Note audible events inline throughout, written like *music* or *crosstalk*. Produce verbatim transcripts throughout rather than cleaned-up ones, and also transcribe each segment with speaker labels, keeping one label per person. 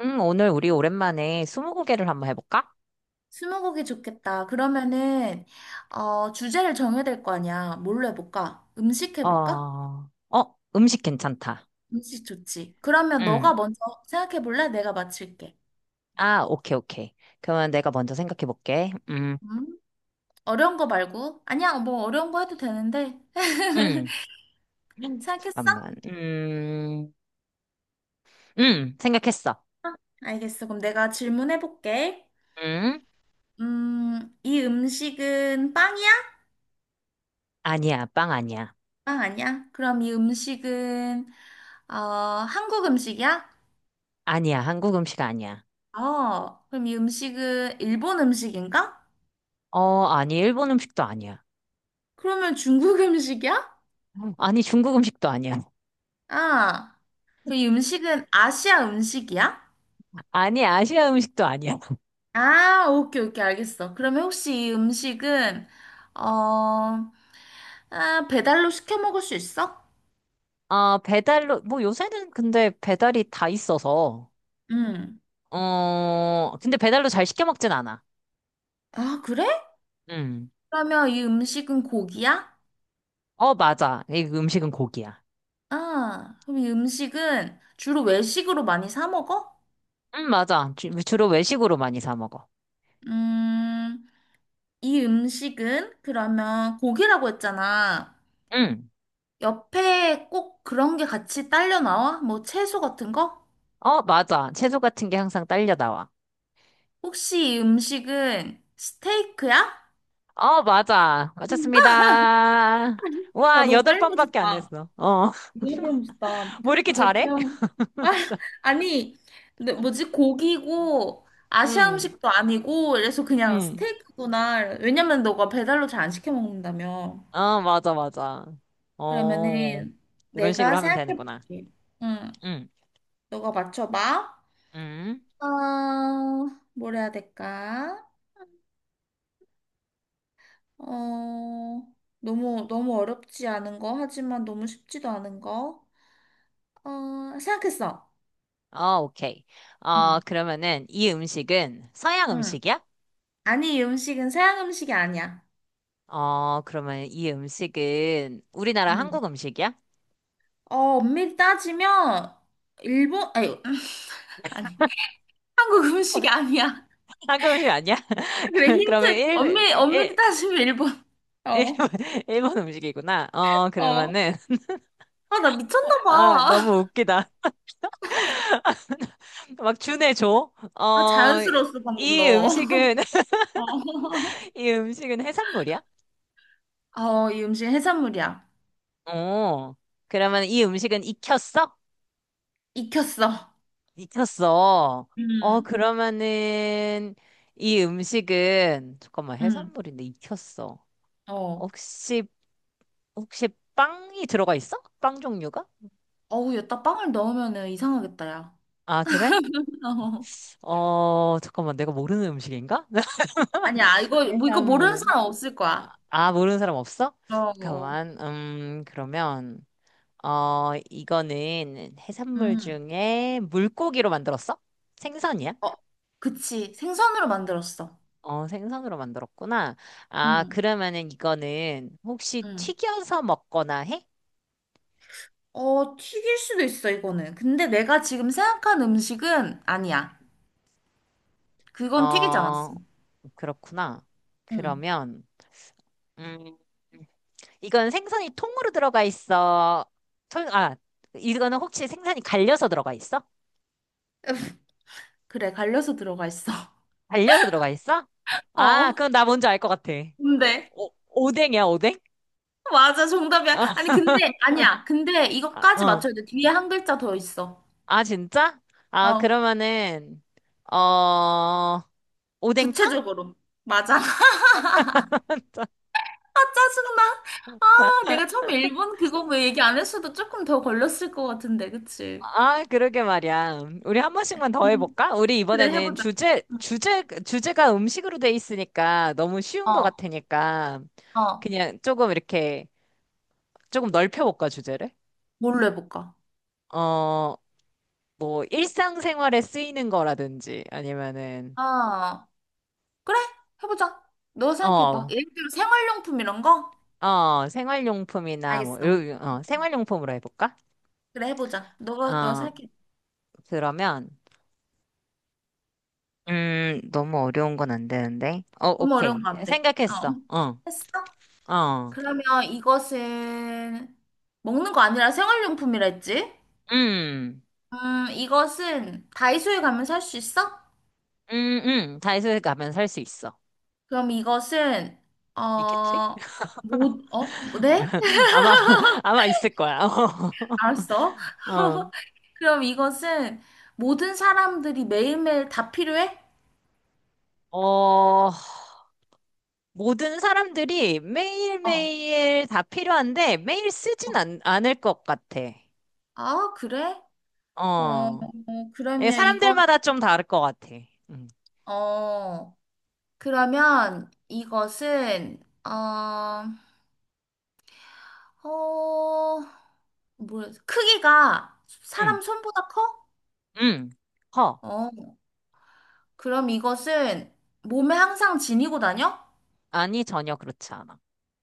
Speaker 1: 응, 오늘 우리 오랜만에 스무고개를 한번 해볼까?
Speaker 2: 스무고개 좋겠다. 그러면은 어, 주제를 정해야 될 거 아니야. 뭘로 해볼까? 음식 해볼까?
Speaker 1: 어, 어, 음식 괜찮다.
Speaker 2: 음식 좋지. 그러면
Speaker 1: 응.
Speaker 2: 너가 먼저 생각해 볼래? 내가 맞힐게.
Speaker 1: 아, 오케이, 오케이. 그러면 내가 먼저 생각해볼게. 음,
Speaker 2: 음? 어려운 거 말고. 아니야, 뭐 어려운 거 해도 되는데. 해-
Speaker 1: 음,
Speaker 2: 생각했어?
Speaker 1: 잠깐만. 음, 음, 생각했어.
Speaker 2: 알겠어. 그럼 내가 질문해 볼게.
Speaker 1: 음,
Speaker 2: 음, 이 음식은 빵이야?
Speaker 1: 아니야, 빵 아니야.
Speaker 2: 빵 아니야? 그럼 이 음식은 어, 한국 음식이야?
Speaker 1: 아니야, 한국 음식 아니야.
Speaker 2: 어, 그럼 이 음식은 일본 음식인가?
Speaker 1: 어, 아니, 일본 음식도 아니야.
Speaker 2: 그러면 중국 *laughs* 음식이야?
Speaker 1: 아니, 중국 음식도 아니야.
Speaker 2: 아, 그 음식은 아시아 음식이야?
Speaker 1: *laughs* 아니, 아시아 음식도 아니야.
Speaker 2: 아, 오케이, 오케이, 알겠어. 그러면 혹시 이 음식은, 어, 아, 배달로 시켜 먹을 수 있어?
Speaker 1: 어, 배달로, 뭐 요새는 근데 배달이 다 있어서,
Speaker 2: 응.
Speaker 1: 어, 근데 배달로 잘 시켜 먹진 않아.
Speaker 2: 아, 그래?
Speaker 1: 응.
Speaker 2: 그러면 이 음식은 고기야?
Speaker 1: 어, 맞아. 이 음식은 고기야.
Speaker 2: 아, 그럼 이 음식은 주로 외식으로 많이 사 먹어?
Speaker 1: 응, 맞아. 주, 주로 외식으로 많이 사 먹어.
Speaker 2: 음, 이 음식은 그러면 고기라고 했잖아.
Speaker 1: 응.
Speaker 2: 옆에 꼭 그런 게 같이 딸려 나와? 뭐 채소 같은 거?
Speaker 1: 어, 맞아. 채소 같은 게 항상 딸려 나와.
Speaker 2: 혹시 이 음식은 스테이크야?
Speaker 1: 어, 맞아. 맞췄습니다.
Speaker 2: *laughs* 나
Speaker 1: 와,
Speaker 2: 너무
Speaker 1: 여덟
Speaker 2: 빨리
Speaker 1: 번밖에 안
Speaker 2: 맞췄다.
Speaker 1: 했어. 어.
Speaker 2: 너무 빨리 맞췄다.
Speaker 1: *laughs* 뭐 이렇게
Speaker 2: 아, 진짜
Speaker 1: 잘해?
Speaker 2: 그냥. 아,
Speaker 1: *laughs*
Speaker 2: 아니, 근데 뭐지?
Speaker 1: 자,
Speaker 2: 고기고, 아시아
Speaker 1: 응,
Speaker 2: 음식도 아니고, 그래서 그냥
Speaker 1: 응.
Speaker 2: 스테이크구나. 왜냐면 너가 배달로 잘 안 시켜 먹는다며.
Speaker 1: 아, 맞아, 맞아. 어,
Speaker 2: 그러면은
Speaker 1: 이런 식으로
Speaker 2: 내가
Speaker 1: 하면 되는구나.
Speaker 2: 생각해볼게. 응,
Speaker 1: 응,
Speaker 2: 너가 맞춰봐.
Speaker 1: 응.
Speaker 2: 어, 뭘 해야 될까? 어, 너무, 너무 어렵지 않은 거, 하지만 너무 쉽지도 않은 거. 어, 생각했어.
Speaker 1: 어, 오케이. 어,
Speaker 2: 응,
Speaker 1: 그러면은 이 음식은 서양
Speaker 2: 응,
Speaker 1: 음식이야?
Speaker 2: 아니, 이 음식은 서양 음식이 아니야.
Speaker 1: 어, 그러면 이 음식은 우리나라
Speaker 2: 응.
Speaker 1: 한국 음식이야?
Speaker 2: 어, 엄밀히 따지면, 일본, 아니, *laughs* 아니, 한국 음식이 아니야. *laughs*
Speaker 1: *laughs* 한국 음식 아니야?
Speaker 2: 그래,
Speaker 1: *laughs* 그러면
Speaker 2: 힌트.
Speaker 1: 일,
Speaker 2: 엄밀히, 엄밀히
Speaker 1: 일,
Speaker 2: 따지면 일본.
Speaker 1: 일,
Speaker 2: 어,
Speaker 1: *laughs* 일본 음식이구나. 어,
Speaker 2: 어.
Speaker 1: 그러면은,
Speaker 2: 아, 나 미쳤나
Speaker 1: 아,
Speaker 2: 봐.
Speaker 1: 너무
Speaker 2: *laughs*
Speaker 1: 웃기다. *laughs* 막 준해 줘.
Speaker 2: 아,
Speaker 1: 어,
Speaker 2: 자연스러웠어, 방금
Speaker 1: 이
Speaker 2: 너.
Speaker 1: 음식은, *laughs*
Speaker 2: *laughs* 어.
Speaker 1: 이 음식은 해산물이야?
Speaker 2: 어, 이 음식 해산물이야.
Speaker 1: 어, 그러면 이 음식은 익혔어?
Speaker 2: 익혔어.
Speaker 1: 익혔어. 어,
Speaker 2: 음,
Speaker 1: 그러면은, 이 음식은, 잠깐만,
Speaker 2: 음.
Speaker 1: 해산물인데 익혔어.
Speaker 2: 어.
Speaker 1: 혹시 혹시 빵이 들어가 있어? 빵 종류가?
Speaker 2: 어우, 여기다 빵을 넣으면은 이상하겠다, 야.
Speaker 1: 아, 그래?
Speaker 2: *laughs*
Speaker 1: 어, 잠깐만, 내가 모르는 음식인가? *laughs*
Speaker 2: 아니야, 이거, 뭐, 이거 모르는
Speaker 1: 해산물은.
Speaker 2: 사람 없을 거야.
Speaker 1: 아, 모르는 사람 없어?
Speaker 2: 어, 어.
Speaker 1: 잠깐만, 음, 그러면, 어, 이거는 해산물
Speaker 2: 음.
Speaker 1: 중에 물고기로 만들었어? 생선이야?
Speaker 2: 어, 그치. 생선으로 만들었어.
Speaker 1: 어, 생선으로 만들었구나. 아,
Speaker 2: 응,
Speaker 1: 그러면은 이거는 혹시
Speaker 2: 응.
Speaker 1: 튀겨서 먹거나 해?
Speaker 2: 어, 튀길 수도 있어, 이거는. 근데 내가 지금 생각한 음식은 아니야. 그건 튀기지
Speaker 1: 어,
Speaker 2: 않았어.
Speaker 1: 그렇구나.
Speaker 2: 응.
Speaker 1: 그러면, 음, 이건 생선이 통으로 들어가 있어. 통, 아, 이거는 혹시 생선이 갈려서 들어가 있어?
Speaker 2: *laughs* 그래, 갈려서 들어가 있어. *laughs*
Speaker 1: 갈려서 들어가 있어? 아,
Speaker 2: 어,
Speaker 1: 그럼 나 뭔지 알 것 같아.
Speaker 2: 근데.
Speaker 1: 오, 오뎅이야, 오뎅?
Speaker 2: 맞아, 정답이야.
Speaker 1: 아,
Speaker 2: 아니, 근데, 아니야. 근데
Speaker 1: 아,
Speaker 2: 이거까지
Speaker 1: 어.
Speaker 2: 맞춰야 돼. 뒤에 한 글자 더 있어.
Speaker 1: 아, 진짜? 아,
Speaker 2: 어,
Speaker 1: 그러면은, 어, 오뎅탕?
Speaker 2: 구체적으로. 맞아. 아, 짜증나. 아, 내가 처음에 일본 그거 뭐 얘기 안 했어도 조금 더 걸렸을 것 같은데, 그치?
Speaker 1: 아, 그러게 말이야. 우리 한 번씩만 더
Speaker 2: 음,
Speaker 1: 해볼까? 우리
Speaker 2: 그래,
Speaker 1: 이번에는
Speaker 2: 해보자.
Speaker 1: 주제,
Speaker 2: 응.
Speaker 1: 주제, 주제가 음식으로 돼 있으니까 너무 쉬운 것
Speaker 2: 어,
Speaker 1: 같으니까
Speaker 2: 어,
Speaker 1: 그냥 조금 이렇게 조금 넓혀볼까, 주제를?
Speaker 2: 뭘로 해볼까?
Speaker 1: 어, 뭐, 일상생활에 쓰이는 거라든지, 아니면은,
Speaker 2: 아, 그래, 해보자. 너 생각해봐.
Speaker 1: 어,
Speaker 2: 예를 들어 생활용품 이런 거?
Speaker 1: 어, 생활용품이나 뭐,
Speaker 2: 알겠어.
Speaker 1: 이런- 어, 생활용품으로 해볼까?
Speaker 2: 그래, 해보자. 너가, 너
Speaker 1: 어,
Speaker 2: 생각해.
Speaker 1: 그러면, 음, 너무 어려운 건 안 되는데. 어,
Speaker 2: 너무 어려운
Speaker 1: 오케이.
Speaker 2: 거 안 돼. 어,
Speaker 1: 생각했어. 어,
Speaker 2: 했어?
Speaker 1: 어,
Speaker 2: 그러면 이것은 먹는 거 아니라 생활용품이라 했지?
Speaker 1: 음,
Speaker 2: 음, 이것은 다이소에 가면 살 수 있어?
Speaker 1: 음, 음, 다이소에 가면 살 수 있어.
Speaker 2: 그럼 이것은
Speaker 1: 있겠지?
Speaker 2: 어, 모, 어, 뭐, 네? *laughs*
Speaker 1: *laughs* 아마, *laughs* 아마 있을 거야. *laughs*
Speaker 2: 알았어.
Speaker 1: 어,
Speaker 2: *laughs* 그럼 이것은 모든 사람들이 매일매일 다 필요해?
Speaker 1: 어, 모든 사람들이
Speaker 2: 어. 어.
Speaker 1: 매일매일 다 필요한데 매일 쓰진 않, 않을 것 같아.
Speaker 2: 아, 그래? 어, 어,
Speaker 1: 어. 예,
Speaker 2: 그러면 이거
Speaker 1: 사람들마다 좀 다를 것 같아. 음.
Speaker 2: 어, 그러면 이것은, 어, 어, 뭐야, 크기가
Speaker 1: 음.
Speaker 2: 사람 손보다 커?
Speaker 1: 음. 허.
Speaker 2: 어, 그럼 이것은 몸에 항상 지니고 다녀?
Speaker 1: 아니, 전혀 그렇지 않아.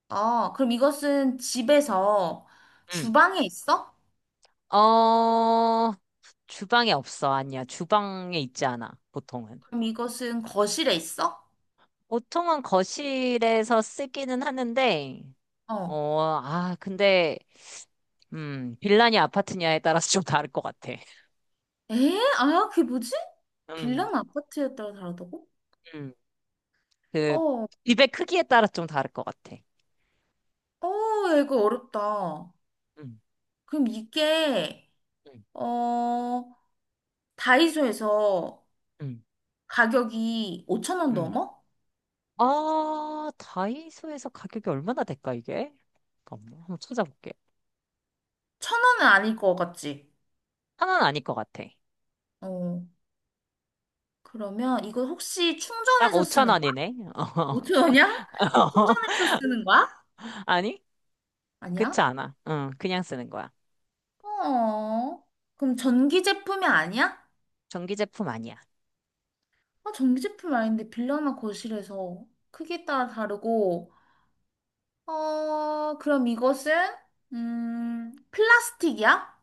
Speaker 2: 아, 그럼 이것은 집에서
Speaker 1: 음.
Speaker 2: 주방에 있어?
Speaker 1: 어, 주방에 없어. 아니야. 주방에 있지 않아. 보통은.
Speaker 2: 그럼 이것은 거실에 있어?
Speaker 1: 보통은 거실에서 쓰기는 하는데,
Speaker 2: 어.
Speaker 1: 어, 아, 근데, 음, 빌라냐 아파트냐에 따라서 좀 다를 것 같아. *laughs*
Speaker 2: 에? 아, 그게 뭐지?
Speaker 1: 음.
Speaker 2: 빌랑 아파트에 따라 다르다고?
Speaker 1: 음. 그
Speaker 2: 어,
Speaker 1: 입의 크기에 따라 좀 다를 것 같아.
Speaker 2: 어, 야, 이거 어렵다.
Speaker 1: 음,
Speaker 2: 그럼 이게,
Speaker 1: 음,
Speaker 2: 어, 다이소에서
Speaker 1: 음,
Speaker 2: 가격이 오천 원
Speaker 1: 음.
Speaker 2: 넘어?
Speaker 1: 아, 다이소에서 가격이 얼마나 될까, 이게? 잠깐만, 한번 찾아볼게.
Speaker 2: 천 원은 아닐 것 같지?
Speaker 1: 하나는 아닐 것 같아.
Speaker 2: 어, 그러면 이거 혹시
Speaker 1: 딱
Speaker 2: 충전해서
Speaker 1: 오천
Speaker 2: 쓰는 거야?
Speaker 1: 원이네.
Speaker 2: 오천 원이야? 충전해서
Speaker 1: *laughs*
Speaker 2: 쓰는 거야?
Speaker 1: 아니? 그렇지
Speaker 2: 아니야?
Speaker 1: 않아. 응, 그냥 쓰는 거야.
Speaker 2: 어, 그럼 전기 제품이 아니야?
Speaker 1: 전기 제품 아니야.
Speaker 2: 아, 전기 제품 아닌데 빌라나 거실에서 크기에 따라 다르고, 어, 그럼 이것은, 음, 플라스틱이야?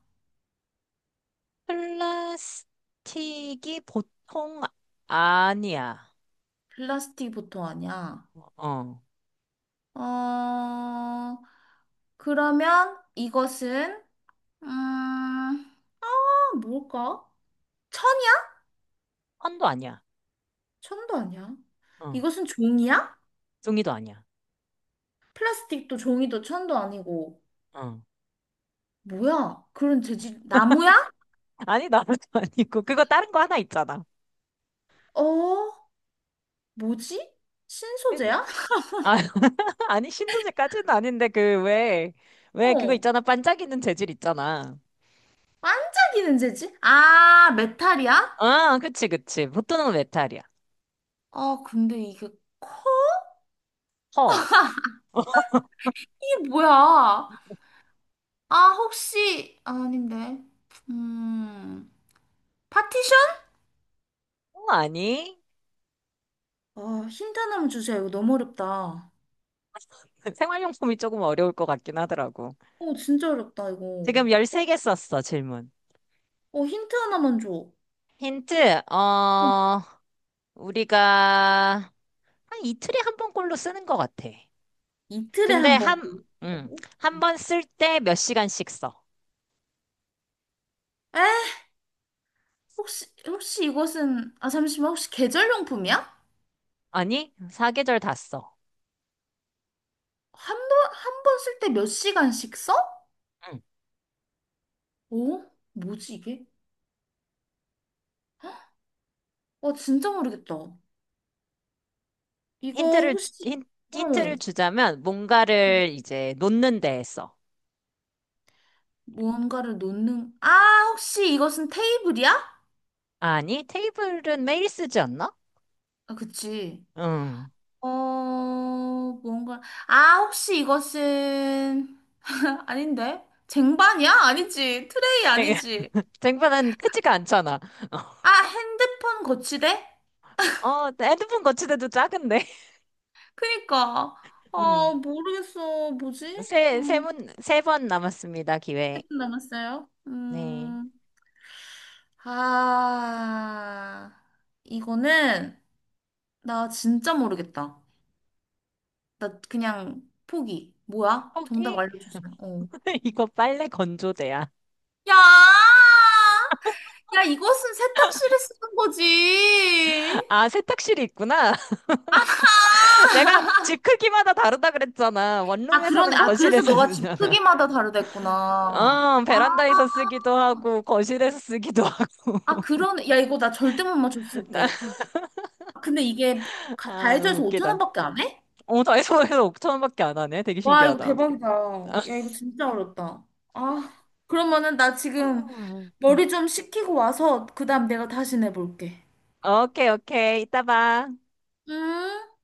Speaker 1: 플라스틱이 보통 아니야.
Speaker 2: 플라스틱 보통 아니야.
Speaker 1: 어,
Speaker 2: 어, 그러면 이것은, 음, 아, 뭘까? 천이야?
Speaker 1: 헌도 아니야.
Speaker 2: 천도 아니야.
Speaker 1: 어,
Speaker 2: 이것은 종이야?
Speaker 1: 종이도 아니야.
Speaker 2: 플라스틱도 종이도 천도 아니고,
Speaker 1: 어.
Speaker 2: 뭐야? 그런 재질, 나무야?
Speaker 1: 아니, 나도 *laughs* 아니고. 그거 다른 거 하나 있잖아.
Speaker 2: 어? 뭐지? 신소재야?
Speaker 1: 아, *laughs* 아니, 신소재까지는 아닌데, 그, 왜, 왜 그거
Speaker 2: 어.
Speaker 1: 있잖아. 반짝이는 재질 있잖아.
Speaker 2: 반짝이는 재질? 아, 메탈이야?
Speaker 1: 아, 그치, 그치. 보통은 메탈이야.
Speaker 2: 아, 근데 이게,
Speaker 1: 허. 어,
Speaker 2: 이게 뭐야? 아, 혹시, 아, 아닌데. 음, 파티션?
Speaker 1: 아니?
Speaker 2: 아, 힌트 하나만 주세요. 이거 너무 어렵다.
Speaker 1: *laughs* 생활용품이 조금 어려울 것 같긴 하더라고.
Speaker 2: 어, 진짜 어렵다, 이거.
Speaker 1: 지금 열세 개 썼어, 질문.
Speaker 2: 어, 힌트 하나만 줘. 어,
Speaker 1: 힌트, 어, 우리가 한 이틀에 한 번꼴로 쓰는 것 같아.
Speaker 2: 이틀에
Speaker 1: 근데
Speaker 2: 한 번
Speaker 1: 한, 음,
Speaker 2: 꼴린다고?
Speaker 1: 한 번 쓸 때 몇 시간씩 써.
Speaker 2: 에? 혹시, 혹시 이것은, 아, 잠시만, 혹시 계절용품이야?
Speaker 1: 아니, 사계절 다 써.
Speaker 2: 한 번, 한 번 쓸 때 몇 시간씩 써?
Speaker 1: 응.
Speaker 2: 어? 뭐지, 이게? 와, 진짜 모르겠다. 이거
Speaker 1: 힌트를,
Speaker 2: 혹시,
Speaker 1: 힌, 힌트를
Speaker 2: 어,
Speaker 1: 주자면, 뭔가를 이제 놓는 데에 써.
Speaker 2: 무언가를 놓는, 아, 혹시 이것은 테이블이야?
Speaker 1: 아니, 테이블은 매일 쓰지 않나?
Speaker 2: 아, 그치.
Speaker 1: 응.
Speaker 2: 어, 무언가, 아, 혹시 이것은, *laughs* 아닌데? 쟁반이야? 아니지. 트레이 아니지.
Speaker 1: *laughs* 쟁반은 크지가 않잖아.
Speaker 2: 아,
Speaker 1: *laughs*
Speaker 2: 핸드폰 거치대?
Speaker 1: 어, 핸드폰 거치대도 작은데.
Speaker 2: 그니까.
Speaker 1: *laughs* 음.
Speaker 2: 아, 모르겠어. 뭐지?
Speaker 1: 세, 세
Speaker 2: 음,
Speaker 1: 문, 세 번 남았습니다, 기회.
Speaker 2: 일 분 남았어요.
Speaker 1: 네.
Speaker 2: 음, 아, 이거는, 나 진짜 모르겠다. 나 그냥 포기. 뭐야? 정답
Speaker 1: 포기?
Speaker 2: 알려주세요. 어.
Speaker 1: *laughs* 이거 빨래 건조대야.
Speaker 2: 야! 야, 이것은 세탁실에 쓰는 거지.
Speaker 1: 아, 세탁실이 있구나.
Speaker 2: 아!
Speaker 1: *laughs* 내가
Speaker 2: *laughs*
Speaker 1: 집 크기마다 다르다 그랬잖아.
Speaker 2: 아, 그러네.
Speaker 1: 원룸에서는
Speaker 2: 아, 그래서
Speaker 1: 거실에서
Speaker 2: 너가 집
Speaker 1: 쓰잖아.
Speaker 2: 크기마다 다르댔구나.
Speaker 1: 어,
Speaker 2: 아,
Speaker 1: 베란다에서 쓰기도 하고, 거실에서 쓰기도
Speaker 2: 아,
Speaker 1: 하고.
Speaker 2: 그러네. 야, 이거 나 절대 못
Speaker 1: *laughs*
Speaker 2: 맞췄을
Speaker 1: 나-
Speaker 2: 듯. 아, 근데 이게 가-
Speaker 1: 아, 너무
Speaker 2: 다이소에서 오천
Speaker 1: 웃기다.
Speaker 2: 원밖에 안 해?
Speaker 1: 어, 다이소에서 오천 원밖에 안 하네. 되게
Speaker 2: 와, 이거
Speaker 1: 신기하다.
Speaker 2: 대박이다.
Speaker 1: *laughs* 아,
Speaker 2: 야, 이거 진짜 어렵다. 아, 그러면은 나 지금
Speaker 1: 응.
Speaker 2: 머리 좀 식히고 와서 그다음 내가 다시 내볼게.
Speaker 1: 오케이, 오케이. 이따 봐.
Speaker 2: 음.